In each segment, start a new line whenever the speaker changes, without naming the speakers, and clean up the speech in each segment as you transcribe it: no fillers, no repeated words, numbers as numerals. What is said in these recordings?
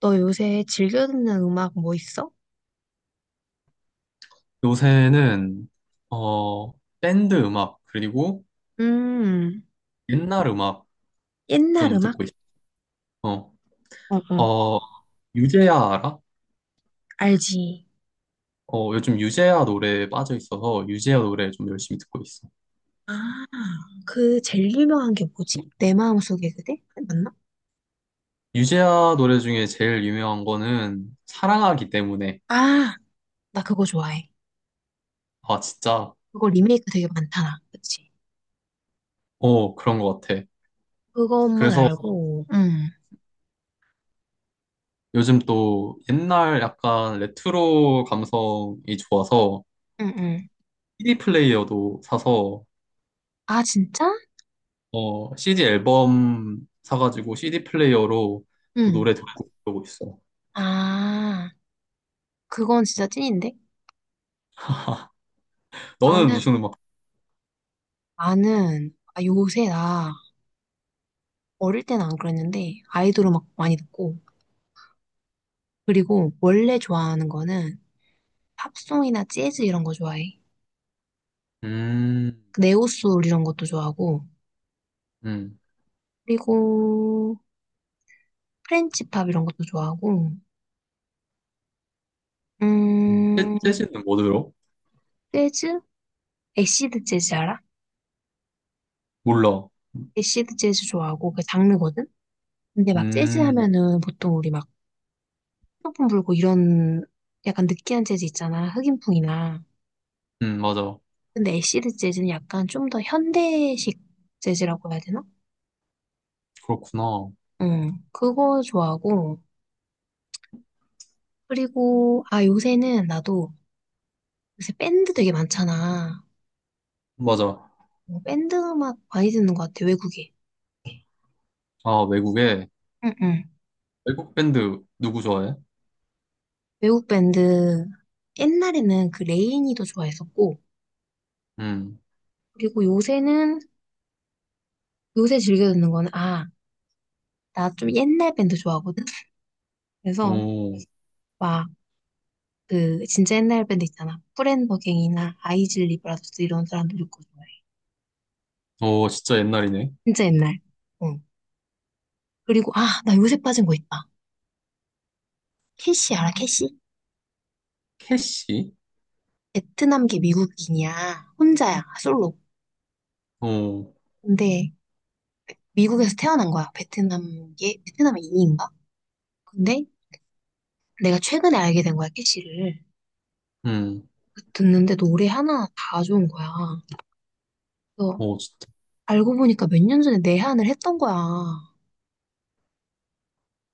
너 요새 즐겨 듣는 음악 뭐 있어?
요새는 어 밴드 음악 그리고
음,
옛날 음악
옛날
좀
음악?
듣고 있어. 어,
어, 어.
어, 유재하 알아?
알지.
어, 요즘 유재하 노래에 빠져 있어서 유재하 노래 좀 열심히 듣고 있어.
아, 그 제일 유명한 게 뭐지? 내 마음속에 그대? 맞나?
유재하 노래 중에 제일 유명한 거는 사랑하기 때문에.
아, 나 그거 좋아해.
아, 진짜.
그거 리메이크 되게 많잖아. 그치?
어, 그런 것 같아.
그것만
그래서
알고. 응.
요즘 또 옛날 약간 레트로 감성이 좋아서
응, 응.
CD 플레이어도 사서,
아, 진짜?
어, CD 앨범 사가지고 CD 플레이어로 또
응.
노래 듣고 그러고 있어.
아, 그건 진짜 찐인데?
너는
나는,
무슨 음악?
나는, 아, 요새 나 어릴 때는 안 그랬는데 아이돌 음악 많이 듣고 그리고 원래 좋아하는 거는 팝송이나 재즈 이런 거 좋아해.
음,
네오솔 이런 것도 좋아하고,
음,
그리고 프렌치 팝 이런 것도 좋아하고, 음,
재즈는 뭐 들어?
재즈? 애시드 재즈 알아?
몰라.
애시드 재즈 좋아하고, 그 장르거든? 근데 막 재즈
음,
하면은 보통 우리 막 소품 불고 이런 약간 느끼한 재즈 있잖아. 흑인풍이나.
맞아.
근데 애시드 재즈는 약간 좀 더 현대식 재즈라고 해야 되나?
그렇구나.
응, 그거 좋아하고, 그리고, 아, 요새는 나도 요새 밴드 되게 많잖아.
맞아.
어, 밴드 음악 많이 듣는 것 같아, 외국에.
아, 외국에.
응, 응.
외국 밴드 누구 좋아해?
외국 밴드, 옛날에는 그 레이니도 좋아했었고,
음.
그리고 요새는, 요새 즐겨 듣는 거는, 아, 나 좀 옛날 밴드 좋아하거든? 그래서,
오,
막, 그, 진짜 옛날 밴드 있잖아. 프렌버갱이나 아이즐 리브라더스 이런 사람들 듣고 좋아해.
오, 진짜 옛날이네.
진짜 옛날. 응. 그리고, 아, 나 요새 빠진 거 있다. 캐시, 알아, 캐시?
캐시?
베트남계 미국인이야. 혼자야, 솔로.
오.
근데, 미국에서 태어난 거야. 베트남계, 베트남의 이인가? 근데 내가 최근에 알게 된 거야, 캐시를.
음.
듣는데 노래 하나 다 좋은 거야. 그래서
오, 진짜.
알고 보니까 몇 년 전에 내한을 했던 거야.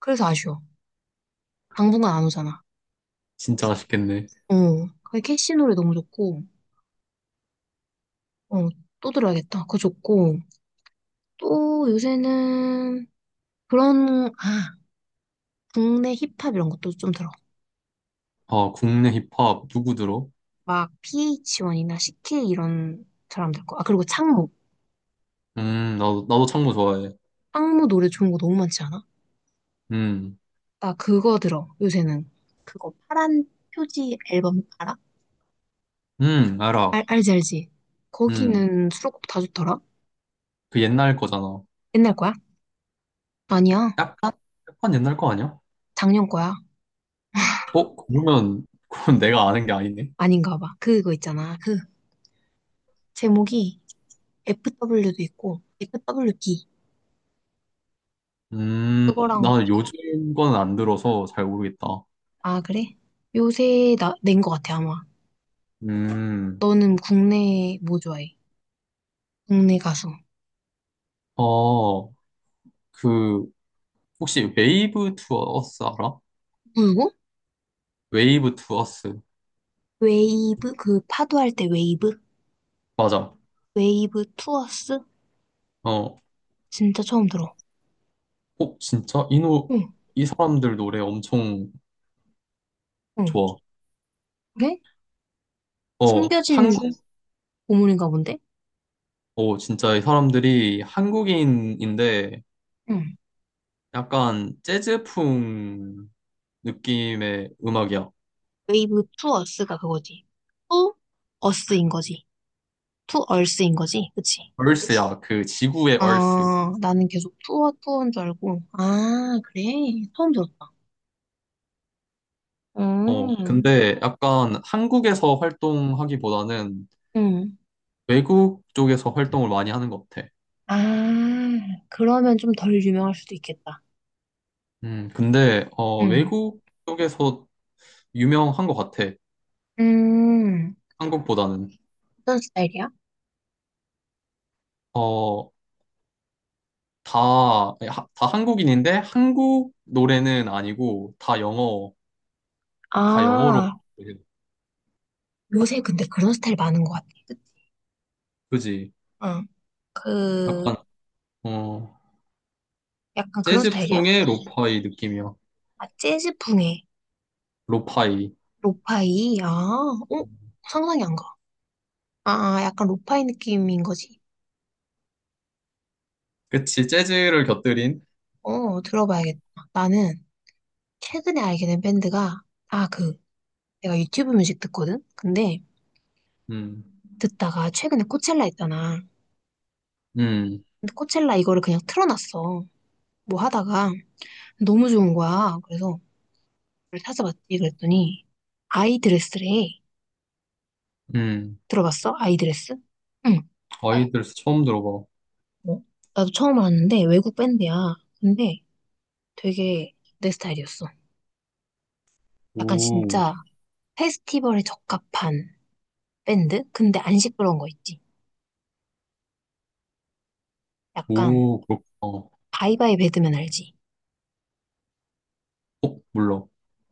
그래서 아쉬워. 당분간 안 오잖아.
진짜 아쉽겠네.
어, 그 캐시 노래 너무 좋고, 어, 또 들어야겠다. 그거 좋고, 또 요새는 그런, 아, 국내 힙합 이런 것도 좀 들어.
아, 국내 힙합 누구 들어?
막 PH1이나 CK 이런 사람들 거. 아, 그리고 창모.
나도 창모 좋아해.
창모 노래 좋은 거 너무 많지 않아?
음,
나 그거 들어, 요새는. 그거 파란 표지 앨범 알아?
알아.
알지, 알지.
음,
거기는 수록곡 다 좋더라?
그 옛날 거잖아.
옛날 거야? 아니야.
약간, 약간 옛날 거 아니야?
작년 거야.
어, 그러면, 그건 내가 아는 게 아니네.
아닌가 봐. 그거 있잖아. 그 제목이 FW도 있고, f w 기 그거랑,
나 요즘 건 안 들어서 잘 모르겠다.
아, 그래? 요새 나, 낸 거 같아, 아마.
음,
너는 국내 뭐 좋아해? 국내 가수.
어, 그, 혹시 웨이브 투어스 알아?
누구?
웨이브 투어스.
웨이브? 그 파도 할 때 웨이브?
맞아.
웨이브 투어스?
어,
진짜 처음 들어.
어, 진짜?
응,
이 사람들 노래 엄청
응.
좋아.
그래?
어,
숨겨진
한국.
고문인가 본데?
어, 진짜 이 사람들이 한국인인데
응.
약간 재즈풍 느낌의 음악이야.
웨이브 투 어스가 그거지. 투 어스인 거지. 투 얼스인 거지. 그치?
얼스야, 그 지구의 얼스.
아, 나는 계속 투어 투어인 줄 알고. 아, 그래? 처음 들었다.
어,
음,
근데 약간 한국에서 활동하기보다는
음.
외국 쪽에서 활동을 많이 하는 것 같아.
아, 그러면 좀 덜 유명할 수도 있겠다.
근데
응.
외국 쪽에서 유명한 것 같아.
음,
한국보다는.
어떤 스타일이야?
어, 다 한국인인데 한국 노래는 아니고 다 영어, 다 영어로.
아, 요새 근데 그런 스타일 많은 것 같아. 그치?
그지?
응. 그,
약간, 어,
약간 그런 스타일이야?
재즈풍의 로파이 느낌이야.
아, 재즈풍의
로파이.
로파이? 아, 어? 상상이 안 가. 아, 아, 약간 로파이 느낌인 거지.
그치, 재즈를 곁들인.
어, 들어봐야겠다. 나는 최근에 알게 된 밴드가, 아, 그, 내가 유튜브 뮤직 듣거든? 근데
음,
듣다가 최근에 코첼라 있잖아.
음,
근데 코첼라 이거를 그냥 틀어놨어. 뭐 하다가 너무 좋은 거야. 그래서 그걸 찾아봤지. 그랬더니 아이드레스래.
음.
들어봤어? 아이드레스? 응.
어, 아이들에서 처음 들어봐.
뭐? 나도 처음 알았는데 외국 밴드야. 근데 되게 내 스타일이었어. 약간
오,
진짜 페스티벌에 적합한 밴드? 근데 안 시끄러운 거 있지. 약간
오, 그렇구나. 어,
바이바이 배드맨 알지?
몰라.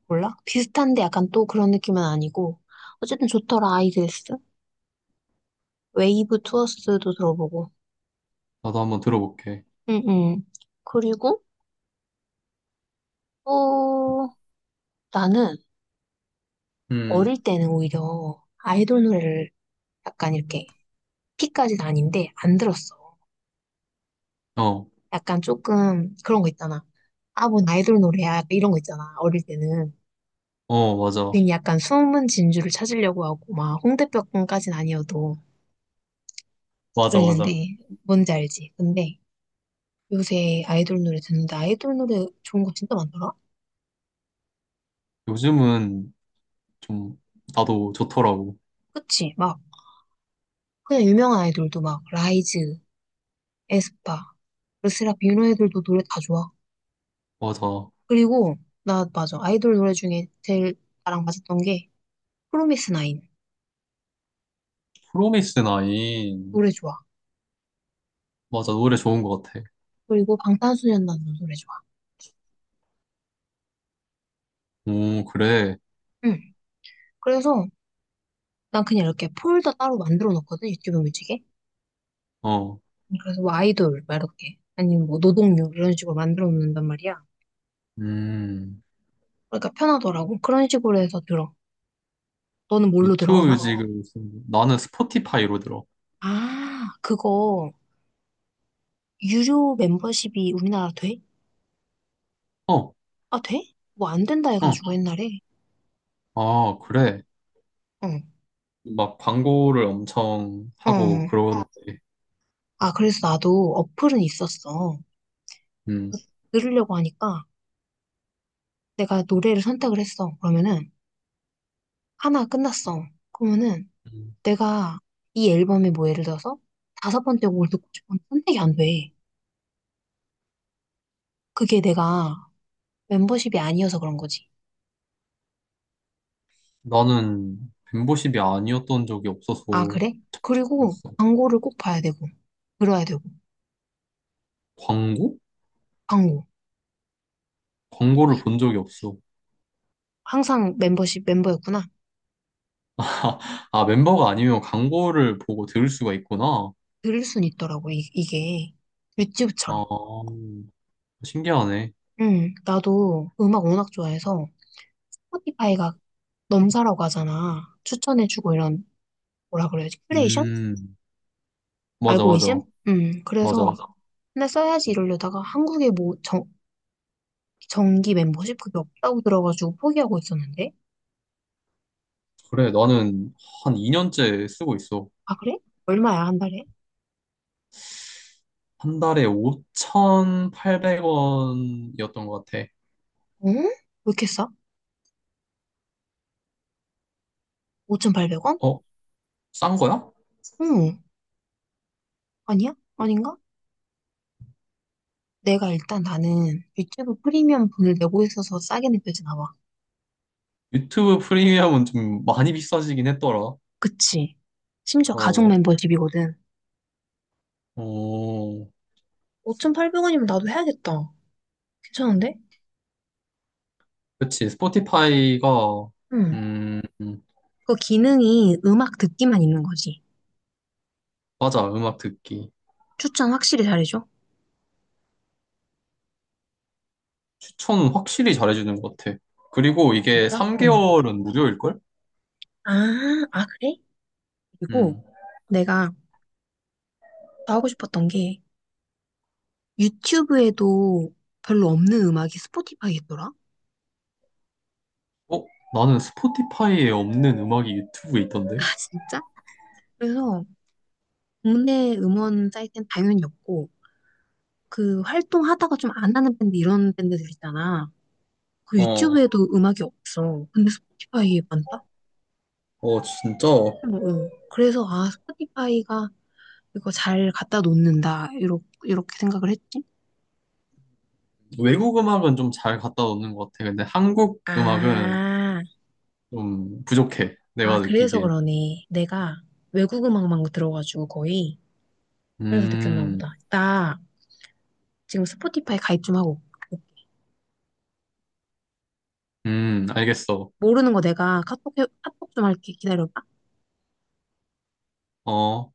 몰라? 비슷한데 약간 또 그런 느낌은 아니고. 어쨌든 좋더라, 아이들스. 웨이브 투어스도 들어보고.
나도 한번 들어볼게.
응응. 그리고 또 나는
음,
어릴 때는 오히려 아이돌 노래를 약간 이렇게 피까지는 아닌데 안 들었어.
어,
약간 조금 그런 거 있잖아. 아, 뭔 아이돌 노래야. 이런 거 있잖아. 어릴 때는.
어, 맞아.
괜히 약간 숨은 진주를 찾으려고 하고, 막, 홍대병까진 아니어도
맞아, 맞아.
그랬는데, 뭔지 알지? 근데 요새 아이돌 노래 듣는데, 아이돌 노래 좋은 거 진짜 많더라?
요즘은 좀, 나도 좋더라고.
그치? 막, 그냥 유명한 아이돌도 막, 라이즈, 에스파, 르세라, 이런 애들도 노래 다 좋아.
맞아.
그리고, 나, 맞아. 아이돌 노래 중에 제일 나랑 맞았던 게, 프로미스 나인.
프로미스 나인.
노래 좋아.
맞아, 노래 좋은 것 같아.
그리고 방탄소년단 노래 좋아.
오, 그래.
응. 그래서, 난 그냥 이렇게 폴더 따로 만들어 놓거든, 유튜브 뮤직에.
어,
그래서 뭐 아이돌 막 이렇게 아니면 뭐 노동요 이런 식으로 만들어 놓는단 말이야.
음.
그러니까 편하더라고. 그런 식으로 해서 들어. 너는 뭘로 들어?
유튜브
음악?
지 뮤직을, 나는 스포티파이로 들어.
아, 그거 유료 멤버십이 우리나라 돼?
어,
아, 돼? 뭐 안 된다
어.
해가지고 옛날에.
아, 그래.
어,
막 광고를 엄청 하고
어.
그러는데.
아, 그래서 나도 어플은 있었어.
음.
그거 들으려고 하니까 내가 노래를 선택을 했어. 그러면은 하나 끝났어. 그러면은
음.
내가 이 앨범에 뭐 예를 들어서 다섯 번째 곡을 듣고 싶은 선택이 안 돼. 그게 내가 멤버십이 아니어서 그런 거지.
나는 멤버십이 아니었던 적이
아,
없어서
그래? 그리고
있어.
광고를 꼭 봐야 되고, 들어야 되고,
광고?
광고.
광고를 본 적이 없어.
항상 멤버십 멤버였구나.
아, 멤버가 아니면 광고를 보고 들을 수가 있구나.
들을 순 있더라고, 이게. 튜브처
아,
럼
신기하네.
응, 나도 음악 워낙 좋아해서 스포티파이가 넘사라고 하잖아. 추천해주고 이런, 뭐라 그래야지, 큐레이션? 어,
음, 맞아, 맞아,
알고리즘? 응, 그래서
맞아.
맞아. 맨날 써야지 이러려다가 한국에 뭐 정기 멤버십 그게 없다고 들어가지고 포기하고 있었는데?
그래, 나는 한 2년째 쓰고 있어.
아, 그래? 얼마야, 한 달에?
한 달에 5,800원이었던 것 같아.
응? 왜 이렇게 싸? 5,800원?
어, 싼 거야?
응. 아니야? 아닌가? 내가 일단 나는 유튜브 프리미엄 분을 내고 있어서 싸게 느껴지나 봐.
유튜브 프리미엄은 좀 많이 비싸지긴 했더라.
그치? 심지어 가족
어,
멤버십이거든.
어.
5,800원이면 나도 해야겠다. 괜찮은데?
그치, 스포티파이가.
응.
음,
그 기능이 음악 듣기만 있는 거지.
맞아, 음악 듣기.
추천 확실히 잘해줘.
추천은 확실히 잘해주는 것 같아. 그리고 이게
진짜? 응.
3개월은 무료일걸?
아, 아, 그래? 그리고
음.
내가 더 하고 싶었던 게 유튜브에도 별로 없는 음악이 스포티파이 있더라?
어? 나는 스포티파이에 없는 음악이 유튜브에
아,
있던데?
진짜? 그래서 국내 음원 사이트는 당연히 없고 그 활동하다가 좀 안 하는 밴드 이런 밴드들 있잖아. 그
어,
유튜브에도 음악이 없어. 근데 스포티파이에 많다?
어, 진짜.
어, 어. 그래서 아 스포티파이가 이거 잘 갖다 놓는다 이렇게 이렇게 생각을 했지.
외국 음악은 좀 잘 갖다 놓는 것 같아. 근데 한국 음악은
아,
좀 부족해.
아
내가
그래서
느끼기엔.
그러네. 내가 외국 음악만 들어가지고 거의 그래서 느꼈나
음,
보다. 나 지금 스포티파이 가입 좀 하고 올게.
알겠어.
모르는 거 내가 카톡 좀 할게 기다려봐.
어.